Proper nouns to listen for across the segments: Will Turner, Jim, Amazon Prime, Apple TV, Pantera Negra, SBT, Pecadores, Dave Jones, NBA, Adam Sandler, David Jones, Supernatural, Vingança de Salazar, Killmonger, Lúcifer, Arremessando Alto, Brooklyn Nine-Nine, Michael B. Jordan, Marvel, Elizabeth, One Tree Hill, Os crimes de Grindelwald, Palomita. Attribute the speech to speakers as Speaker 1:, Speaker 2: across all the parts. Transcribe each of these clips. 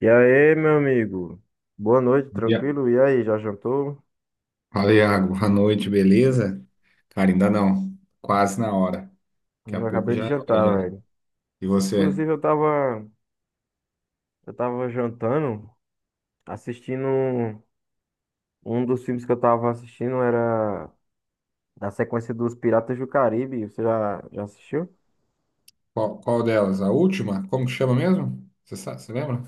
Speaker 1: E aí, meu amigo? Boa noite,
Speaker 2: Ya-
Speaker 1: tranquilo? E aí, já jantou?
Speaker 2: Fala, Iago. Boa noite, beleza? Cara, ainda não. Quase na hora. Daqui a
Speaker 1: Não,
Speaker 2: pouco
Speaker 1: acabei de
Speaker 2: já é hora
Speaker 1: jantar,
Speaker 2: já.
Speaker 1: velho.
Speaker 2: E você?
Speaker 1: Inclusive, eu tava jantando, assistindo. Um dos filmes que eu tava assistindo era da sequência dos Piratas do Caribe. Você já assistiu?
Speaker 2: Qual delas? A última? Como que chama mesmo? Você sabe, você lembra?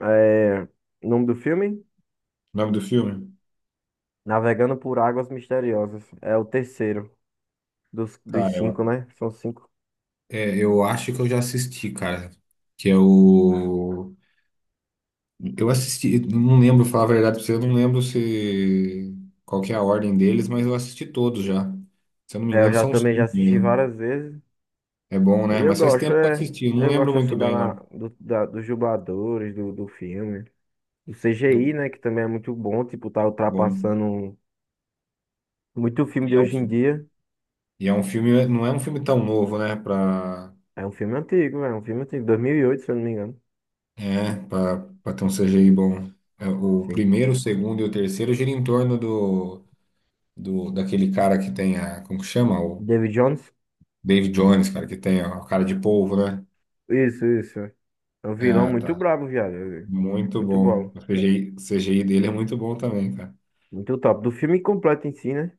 Speaker 1: É, o nome do filme?
Speaker 2: O nome do filme?
Speaker 1: Navegando por Águas Misteriosas. É o terceiro dos
Speaker 2: Cara,
Speaker 1: cinco,
Speaker 2: eu,
Speaker 1: né? São cinco.
Speaker 2: é, eu acho que eu já assisti, cara. Que é o. Eu assisti, não lembro, falar a verdade pra você, eu não lembro se. Qual que é a ordem deles, mas eu assisti todos já. Se eu não me
Speaker 1: É, eu
Speaker 2: engano,
Speaker 1: já
Speaker 2: são
Speaker 1: também já
Speaker 2: cinco,
Speaker 1: assisti
Speaker 2: né?
Speaker 1: várias vezes.
Speaker 2: É bom,
Speaker 1: E
Speaker 2: né?
Speaker 1: eu
Speaker 2: Mas faz
Speaker 1: gosto,
Speaker 2: tempo que eu
Speaker 1: é.
Speaker 2: assisti, eu não
Speaker 1: Eu
Speaker 2: lembro
Speaker 1: gosto assim
Speaker 2: muito
Speaker 1: da,
Speaker 2: bem,
Speaker 1: na-
Speaker 2: não.
Speaker 1: do- da- dos dubladores do filme. Do CGI,
Speaker 2: Do...
Speaker 1: né? Que também é muito bom. Tipo, tá
Speaker 2: Bom.
Speaker 1: ultrapassando muito filme de
Speaker 2: E é um
Speaker 1: hoje em
Speaker 2: filme.
Speaker 1: dia.
Speaker 2: E é um filme, não é um filme tão novo, né?
Speaker 1: É um filme antigo, é um filme antigo. 2008, se eu não me engano.
Speaker 2: É, pra, pra ter um CGI bom. É, o
Speaker 1: Sim.
Speaker 2: primeiro, o segundo e o terceiro gira em torno do daquele cara que tem a, como que chama? O
Speaker 1: David Jones?
Speaker 2: Dave Jones, cara, que tem a cara de polvo, né?
Speaker 1: Isso, isso. É um vilão
Speaker 2: Ah,
Speaker 1: muito
Speaker 2: tá.
Speaker 1: brabo, viado.
Speaker 2: Muito
Speaker 1: Muito
Speaker 2: bom.
Speaker 1: bom.
Speaker 2: O CGI, o CGI dele é muito bom também, cara.
Speaker 1: Muito top. Do filme completo em si, né?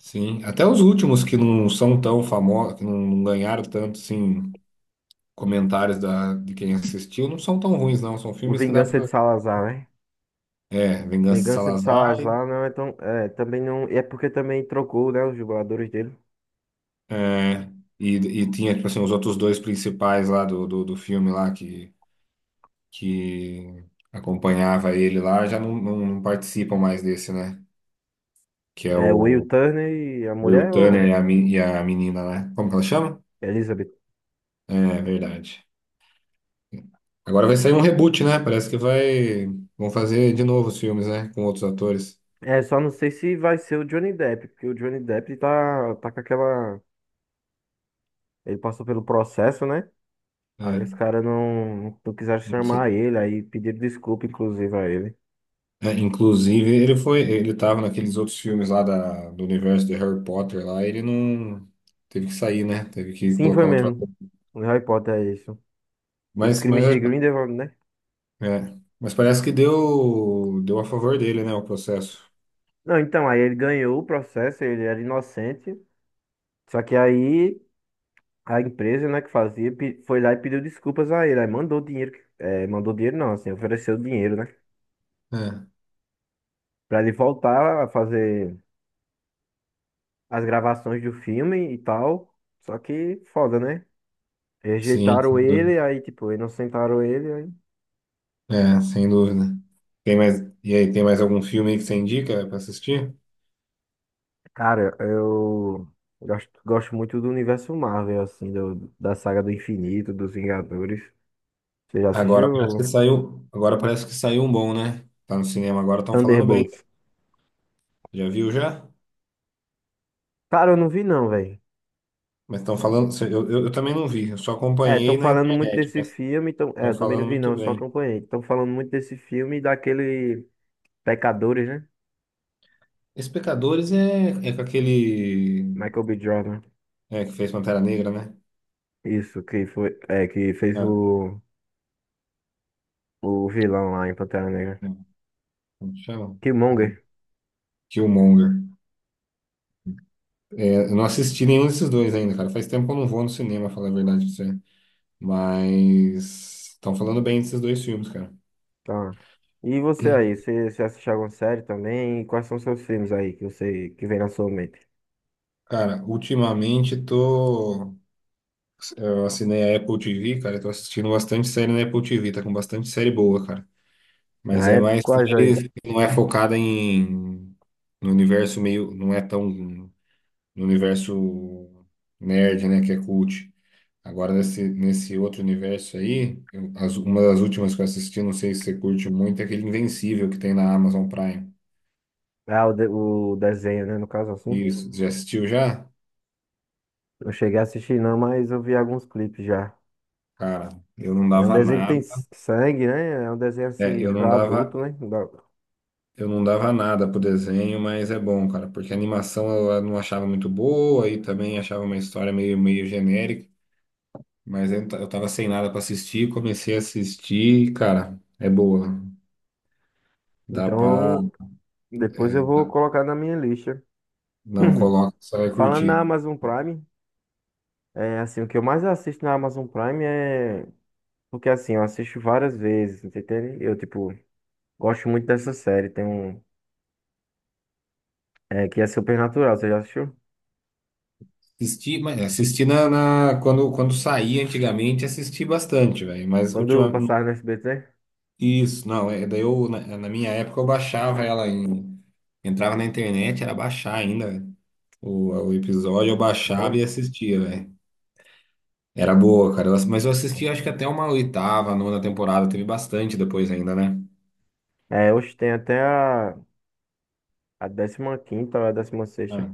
Speaker 2: Sim. Até os últimos que não são tão famosos, que não ganharam tanto, assim, comentários de quem assistiu, não são tão ruins, não. São
Speaker 1: O
Speaker 2: filmes que dá
Speaker 1: Vingança de
Speaker 2: pra.
Speaker 1: Salazar, né?
Speaker 2: É, Vingança de
Speaker 1: Vingança de
Speaker 2: Salazar.
Speaker 1: Salazar não é tão. É, também não. É porque também trocou, né? Os dubladores dele.
Speaker 2: É, e, e tinha, tipo assim, os outros dois principais lá do filme lá que acompanhava ele lá já não participam mais desse, né? Que é
Speaker 1: É
Speaker 2: o
Speaker 1: o Will Turner e a
Speaker 2: Will
Speaker 1: mulher,
Speaker 2: Turner
Speaker 1: ou
Speaker 2: e a menina, né? Como que ela chama?
Speaker 1: Elizabeth?
Speaker 2: É, verdade. Agora vai sair um reboot, né? Parece que vai... Vão fazer de novo os filmes, né? Com outros atores.
Speaker 1: É, só não sei se vai ser o Johnny Depp, porque o Johnny Depp tá, tá com aquela. Ele passou pelo processo, né? Aí os
Speaker 2: É,
Speaker 1: caras não quiseram
Speaker 2: não sei.
Speaker 1: chamar ele, aí pediram desculpa, inclusive, a ele.
Speaker 2: É, inclusive, ele foi... Ele tava naqueles outros filmes lá do universo de Harry Potter lá. Ele não... Teve que sair, né? Teve que
Speaker 1: Sim, foi
Speaker 2: colocar outro
Speaker 1: mesmo.
Speaker 2: ator.
Speaker 1: O Harry Potter é isso. Os
Speaker 2: Mas,
Speaker 1: crimes de
Speaker 2: mas,
Speaker 1: Grindelwald, né?
Speaker 2: é, mas parece que deu a favor dele, né, o processo.
Speaker 1: Não, então, aí ele ganhou o processo, ele era inocente. Só que aí a empresa, né, que fazia, pe- foi lá e pediu desculpas a ele. Aí mandou dinheiro, que- é, mandou dinheiro não, assim, ofereceu dinheiro, né?
Speaker 2: É,
Speaker 1: Pra ele voltar a fazer as gravações do filme e tal. Só que foda, né?
Speaker 2: sim,
Speaker 1: Rejeitaram
Speaker 2: sem dúvida.
Speaker 1: ele, aí, tipo, inocentaram ele. Aí...
Speaker 2: É, sem dúvida. Tem mais, e aí, tem mais algum filme aí que você indica pra assistir?
Speaker 1: Cara, eu gosto, gosto muito do universo Marvel, assim, do- da saga do infinito, dos Vingadores. Você já
Speaker 2: Agora parece que
Speaker 1: assistiu
Speaker 2: saiu, agora parece que saiu um bom, né? Tá no cinema agora, estão falando bem.
Speaker 1: Thunderbolts?
Speaker 2: Já viu já?
Speaker 1: Cara, eu não vi não, velho.
Speaker 2: Mas estão falando, eu também não vi, eu só
Speaker 1: É,
Speaker 2: acompanhei
Speaker 1: estão
Speaker 2: na
Speaker 1: falando muito
Speaker 2: internet,
Speaker 1: desse
Speaker 2: mas
Speaker 1: filme, tão... é,
Speaker 2: estão
Speaker 1: eu também não
Speaker 2: falando
Speaker 1: vi não,
Speaker 2: muito
Speaker 1: eu só
Speaker 2: bem.
Speaker 1: acompanhei. Estão falando muito desse filme e daquele Pecadores, né?
Speaker 2: Esse Pecadores é com aquele,
Speaker 1: Michael B. Jordan.
Speaker 2: que fez Pantera Negra, né?
Speaker 1: Isso, que foi, é, que fez
Speaker 2: Ah,
Speaker 1: o. O vilão lá em Pantera Negra.
Speaker 2: é, como que chama? É,
Speaker 1: Killmonger.
Speaker 2: Killmonger. Eu não assisti nenhum desses dois ainda, cara. Faz tempo que eu não vou no cinema, falar a verdade pra você. Mas estão falando bem desses dois filmes, cara.
Speaker 1: Tá. E você aí, você assiste alguma série também? E quais são seus filmes aí que você que vem na sua mente?
Speaker 2: Cara, ultimamente tô. Eu assinei a Apple TV, cara. Eu tô assistindo bastante série na Apple TV. Tá com bastante série boa, cara. Mas
Speaker 1: Ah,
Speaker 2: é
Speaker 1: é? Tipo,
Speaker 2: mais
Speaker 1: quais aí?
Speaker 2: série que não é focada em. No universo meio. Não é tão. No universo nerd, né? Que é cult. Agora, nesse outro universo aí, uma das últimas que eu assisti, não sei se você curte muito, é aquele Invencível que tem na Amazon Prime.
Speaker 1: Ah, o, de- o desenho, né? No caso assim.
Speaker 2: Isso, já assistiu já?
Speaker 1: Não cheguei a assistir não, mas eu vi alguns clipes já.
Speaker 2: Cara, eu não
Speaker 1: É um
Speaker 2: dava
Speaker 1: desenho que tem
Speaker 2: nada.
Speaker 1: s- sangue, né? É um desenho
Speaker 2: É,
Speaker 1: assim
Speaker 2: eu não
Speaker 1: pra
Speaker 2: dava,
Speaker 1: adulto, né? Da-
Speaker 2: eu não dava nada pro desenho, mas é bom, cara, porque a animação eu não achava muito boa e também achava uma história meio genérica, mas eu tava sem nada pra assistir, comecei a assistir, e, cara, é boa. Dá pra.
Speaker 1: Então, depois
Speaker 2: é,
Speaker 1: eu vou
Speaker 2: dá-
Speaker 1: colocar na minha lista.
Speaker 2: não, coloca, você vai
Speaker 1: Falando na
Speaker 2: curtir.
Speaker 1: Amazon Prime, é assim, o que eu mais assisto na Amazon Prime é. Porque assim, eu assisto várias vezes, entendeu? Eu, tipo, gosto muito dessa série. Tem um. É, que é Supernatural, você já assistiu?
Speaker 2: Assisti, mas assisti quando saía antigamente, assisti bastante, velho. Mas
Speaker 1: Quando eu
Speaker 2: ultimamente.
Speaker 1: passava no SBT?
Speaker 2: Isso, não. Daí eu, na minha época, eu baixava ela em. Entrava na internet, era baixar ainda, velho. O episódio eu baixava e
Speaker 1: Bom.
Speaker 2: assistia, velho. Era boa, cara. Mas eu assisti acho que até uma oitava, nona temporada. Teve bastante depois ainda, né?
Speaker 1: É, hoje tem até a 15ª ou a 16ª.
Speaker 2: Ah,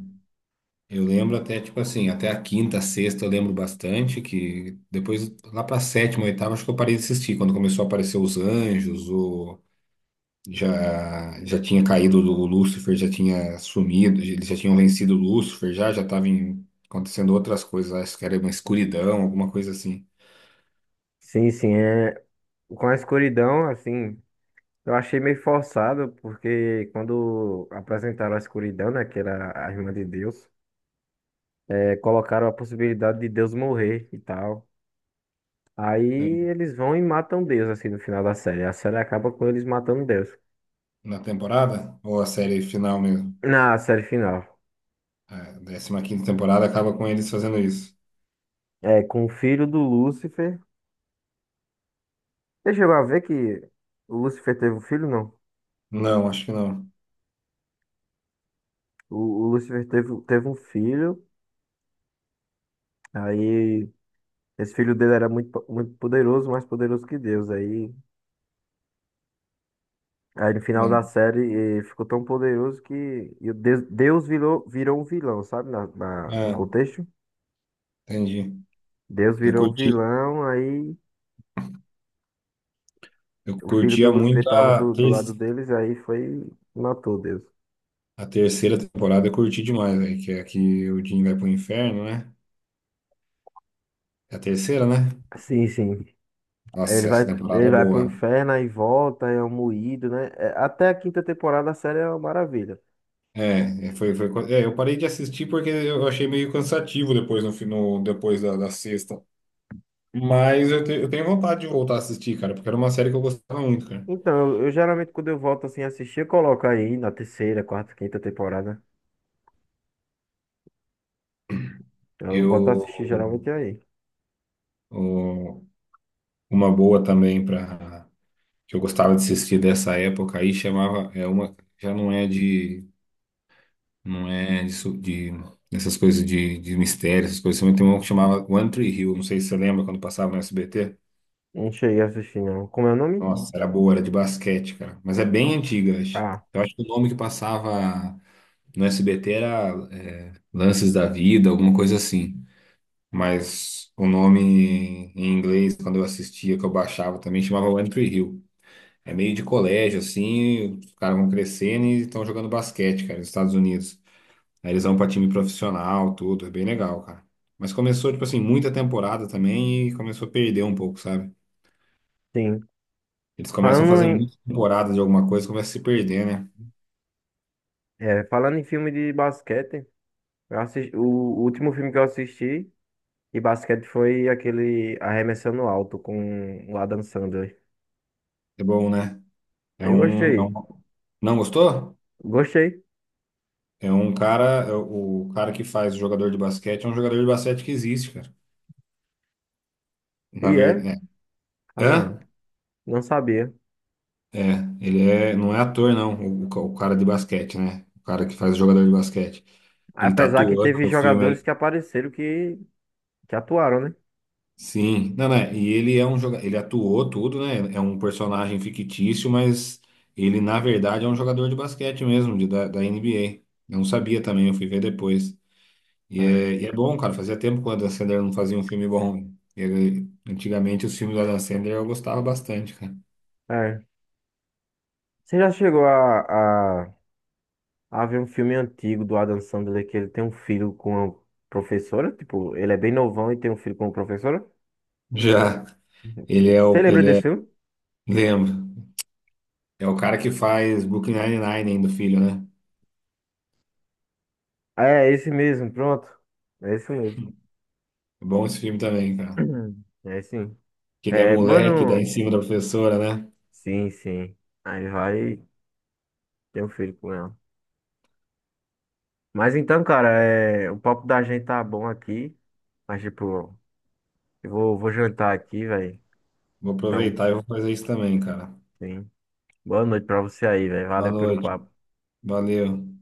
Speaker 2: eu lembro até, tipo assim, até a quinta, sexta eu lembro bastante, que depois, lá pra sétima, oitava, acho que eu parei de assistir, quando começou a aparecer os anjos, já tinha caído o Lúcifer, já tinha sumido, eles já tinham vencido o Lúcifer, já estava acontecendo outras coisas, acho que era uma escuridão, alguma coisa assim.
Speaker 1: Sim, sim, é. Com a escuridão, assim, eu achei meio forçado, porque quando apresentaram a escuridão, né, que era a irmã de Deus, é, colocaram a possibilidade de Deus morrer e tal. Aí
Speaker 2: É.
Speaker 1: eles vão e matam Deus, assim, no final da série. A série acaba com eles matando Deus.
Speaker 2: Na temporada? Ou a série final mesmo?
Speaker 1: Na série final.
Speaker 2: A 15ª temporada acaba com eles fazendo isso.
Speaker 1: É, com o filho do Lúcifer. Você chegou a ver que o Lúcifer teve um filho? Não.
Speaker 2: Não, acho que não.
Speaker 1: O Lúcifer teve, teve um filho. Aí esse filho dele era muito, po- muito poderoso, mais poderoso que Deus. Aí, aí no final
Speaker 2: Mano,
Speaker 1: da série ele ficou tão poderoso que, e o Deus, Deus virou, virou um vilão, sabe? Na, na- no
Speaker 2: ah,
Speaker 1: contexto.
Speaker 2: entendi.
Speaker 1: Deus
Speaker 2: Eu
Speaker 1: virou um
Speaker 2: curti,
Speaker 1: vilão, aí
Speaker 2: eu
Speaker 1: o filho do
Speaker 2: curtia
Speaker 1: Lúcifer
Speaker 2: muito
Speaker 1: tava
Speaker 2: a,
Speaker 1: do lado
Speaker 2: ter-
Speaker 1: deles, aí foi e matou Deus.
Speaker 2: a terceira temporada, eu curti demais, aí que é a que o Jim vai pro inferno, né? É a terceira, né?
Speaker 1: Sim, sim. Ele
Speaker 2: Nossa,
Speaker 1: vai,
Speaker 2: essa temporada
Speaker 1: ele
Speaker 2: é
Speaker 1: vai pro
Speaker 2: boa.
Speaker 1: inferno aí volta, é um moído, né? É, até a quinta temporada a série é uma maravilha.
Speaker 2: Eu parei de assistir porque eu achei meio cansativo depois no depois da sexta. Mas eu tenho vontade de voltar a assistir, cara, porque era uma série que eu gostava muito, cara.
Speaker 1: Então, eu geralmente quando eu volto assim a assistir, eu coloco aí na terceira, quarta, quinta temporada. Eu volto a
Speaker 2: Eu,
Speaker 1: assistir geralmente aí.
Speaker 2: o- uma boa também para que eu gostava de assistir dessa época aí chamava, é uma, já não é de, de essas coisas de mistério, essas coisas, também tem uma que chamava One Tree Hill, não sei se você lembra quando passava no SBT.
Speaker 1: Não cheguei a assistir, não. Como é o nome?
Speaker 2: Nossa, era boa, era de basquete, cara. Mas é bem antiga, acho.
Speaker 1: Ah,
Speaker 2: Eu acho que o nome que passava no SBT era é, Lances da Vida, alguma coisa assim. Mas o nome em inglês, quando eu assistia, que eu baixava também, chamava One Tree Hill. É meio de colégio, assim, os caras vão crescendo e estão jogando basquete, cara, nos Estados Unidos. Aí eles vão pra time profissional, tudo, é bem legal, cara. Mas começou, tipo assim, muita temporada também e começou a perder um pouco, sabe?
Speaker 1: sim.
Speaker 2: Eles começam a
Speaker 1: Falando
Speaker 2: fazer
Speaker 1: em,
Speaker 2: muita temporada de alguma coisa, começa a se perder, né?
Speaker 1: é, falando em filme de basquete, eu assisti, o último filme que eu assisti de basquete foi aquele Arremessando Alto com o Adam Sandler.
Speaker 2: É bom, né? É
Speaker 1: Eu
Speaker 2: um, é
Speaker 1: gostei.
Speaker 2: um- Não gostou?
Speaker 1: Gostei.
Speaker 2: É um cara. É o cara que faz jogador de basquete é um jogador de basquete que existe, cara. Na
Speaker 1: E é,
Speaker 2: verdade. É.
Speaker 1: Fabiano.
Speaker 2: Hã?
Speaker 1: Não sabia.
Speaker 2: É. Ele é... não é ator, não. O cara de basquete, né? O cara que faz jogador de basquete. Ele tá
Speaker 1: Apesar que
Speaker 2: atuando
Speaker 1: teve
Speaker 2: no filme.
Speaker 1: jogadores que apareceram que atuaram, né?
Speaker 2: Sim. Não, né? E ele é um jogador. Ele atuou tudo, né? É um personagem fictício, mas ele, na verdade, é um jogador de basquete mesmo, da NBA. Eu não sabia também, eu fui ver depois. E
Speaker 1: É.
Speaker 2: é, e é bom, cara. Fazia tempo que o Adam Sandler não fazia um filme bom. Ele, antigamente, os filmes do Adam Sandler eu gostava bastante, cara.
Speaker 1: É. Você já chegou a ver um filme antigo do Adam Sandler que ele tem um filho com a professora? Tipo, ele é bem novão e tem um filho com a professora?
Speaker 2: Já
Speaker 1: Uhum.
Speaker 2: ele é
Speaker 1: Você
Speaker 2: o.
Speaker 1: lembra
Speaker 2: Ele
Speaker 1: desse
Speaker 2: é.
Speaker 1: filme?
Speaker 2: Lembro. É o cara que faz Brooklyn Nine-Nine ainda, filho, né?
Speaker 1: É, esse mesmo, pronto. É esse mesmo.
Speaker 2: É bom esse filme também, cara.
Speaker 1: É, sim.
Speaker 2: Que ele é
Speaker 1: É,
Speaker 2: moleque, dá em
Speaker 1: mano,
Speaker 2: cima da professora, né?
Speaker 1: sim, sim. Aí vai ter um filho com ela. Mas então, cara, é, o papo da gente tá bom aqui. Mas, tipo, eu vou, vou jantar aqui, velho.
Speaker 2: Vou
Speaker 1: Então,
Speaker 2: aproveitar e vou fazer isso também, cara.
Speaker 1: sim. Boa noite pra você aí, velho.
Speaker 2: Boa
Speaker 1: Valeu pelo
Speaker 2: noite.
Speaker 1: papo.
Speaker 2: Valeu.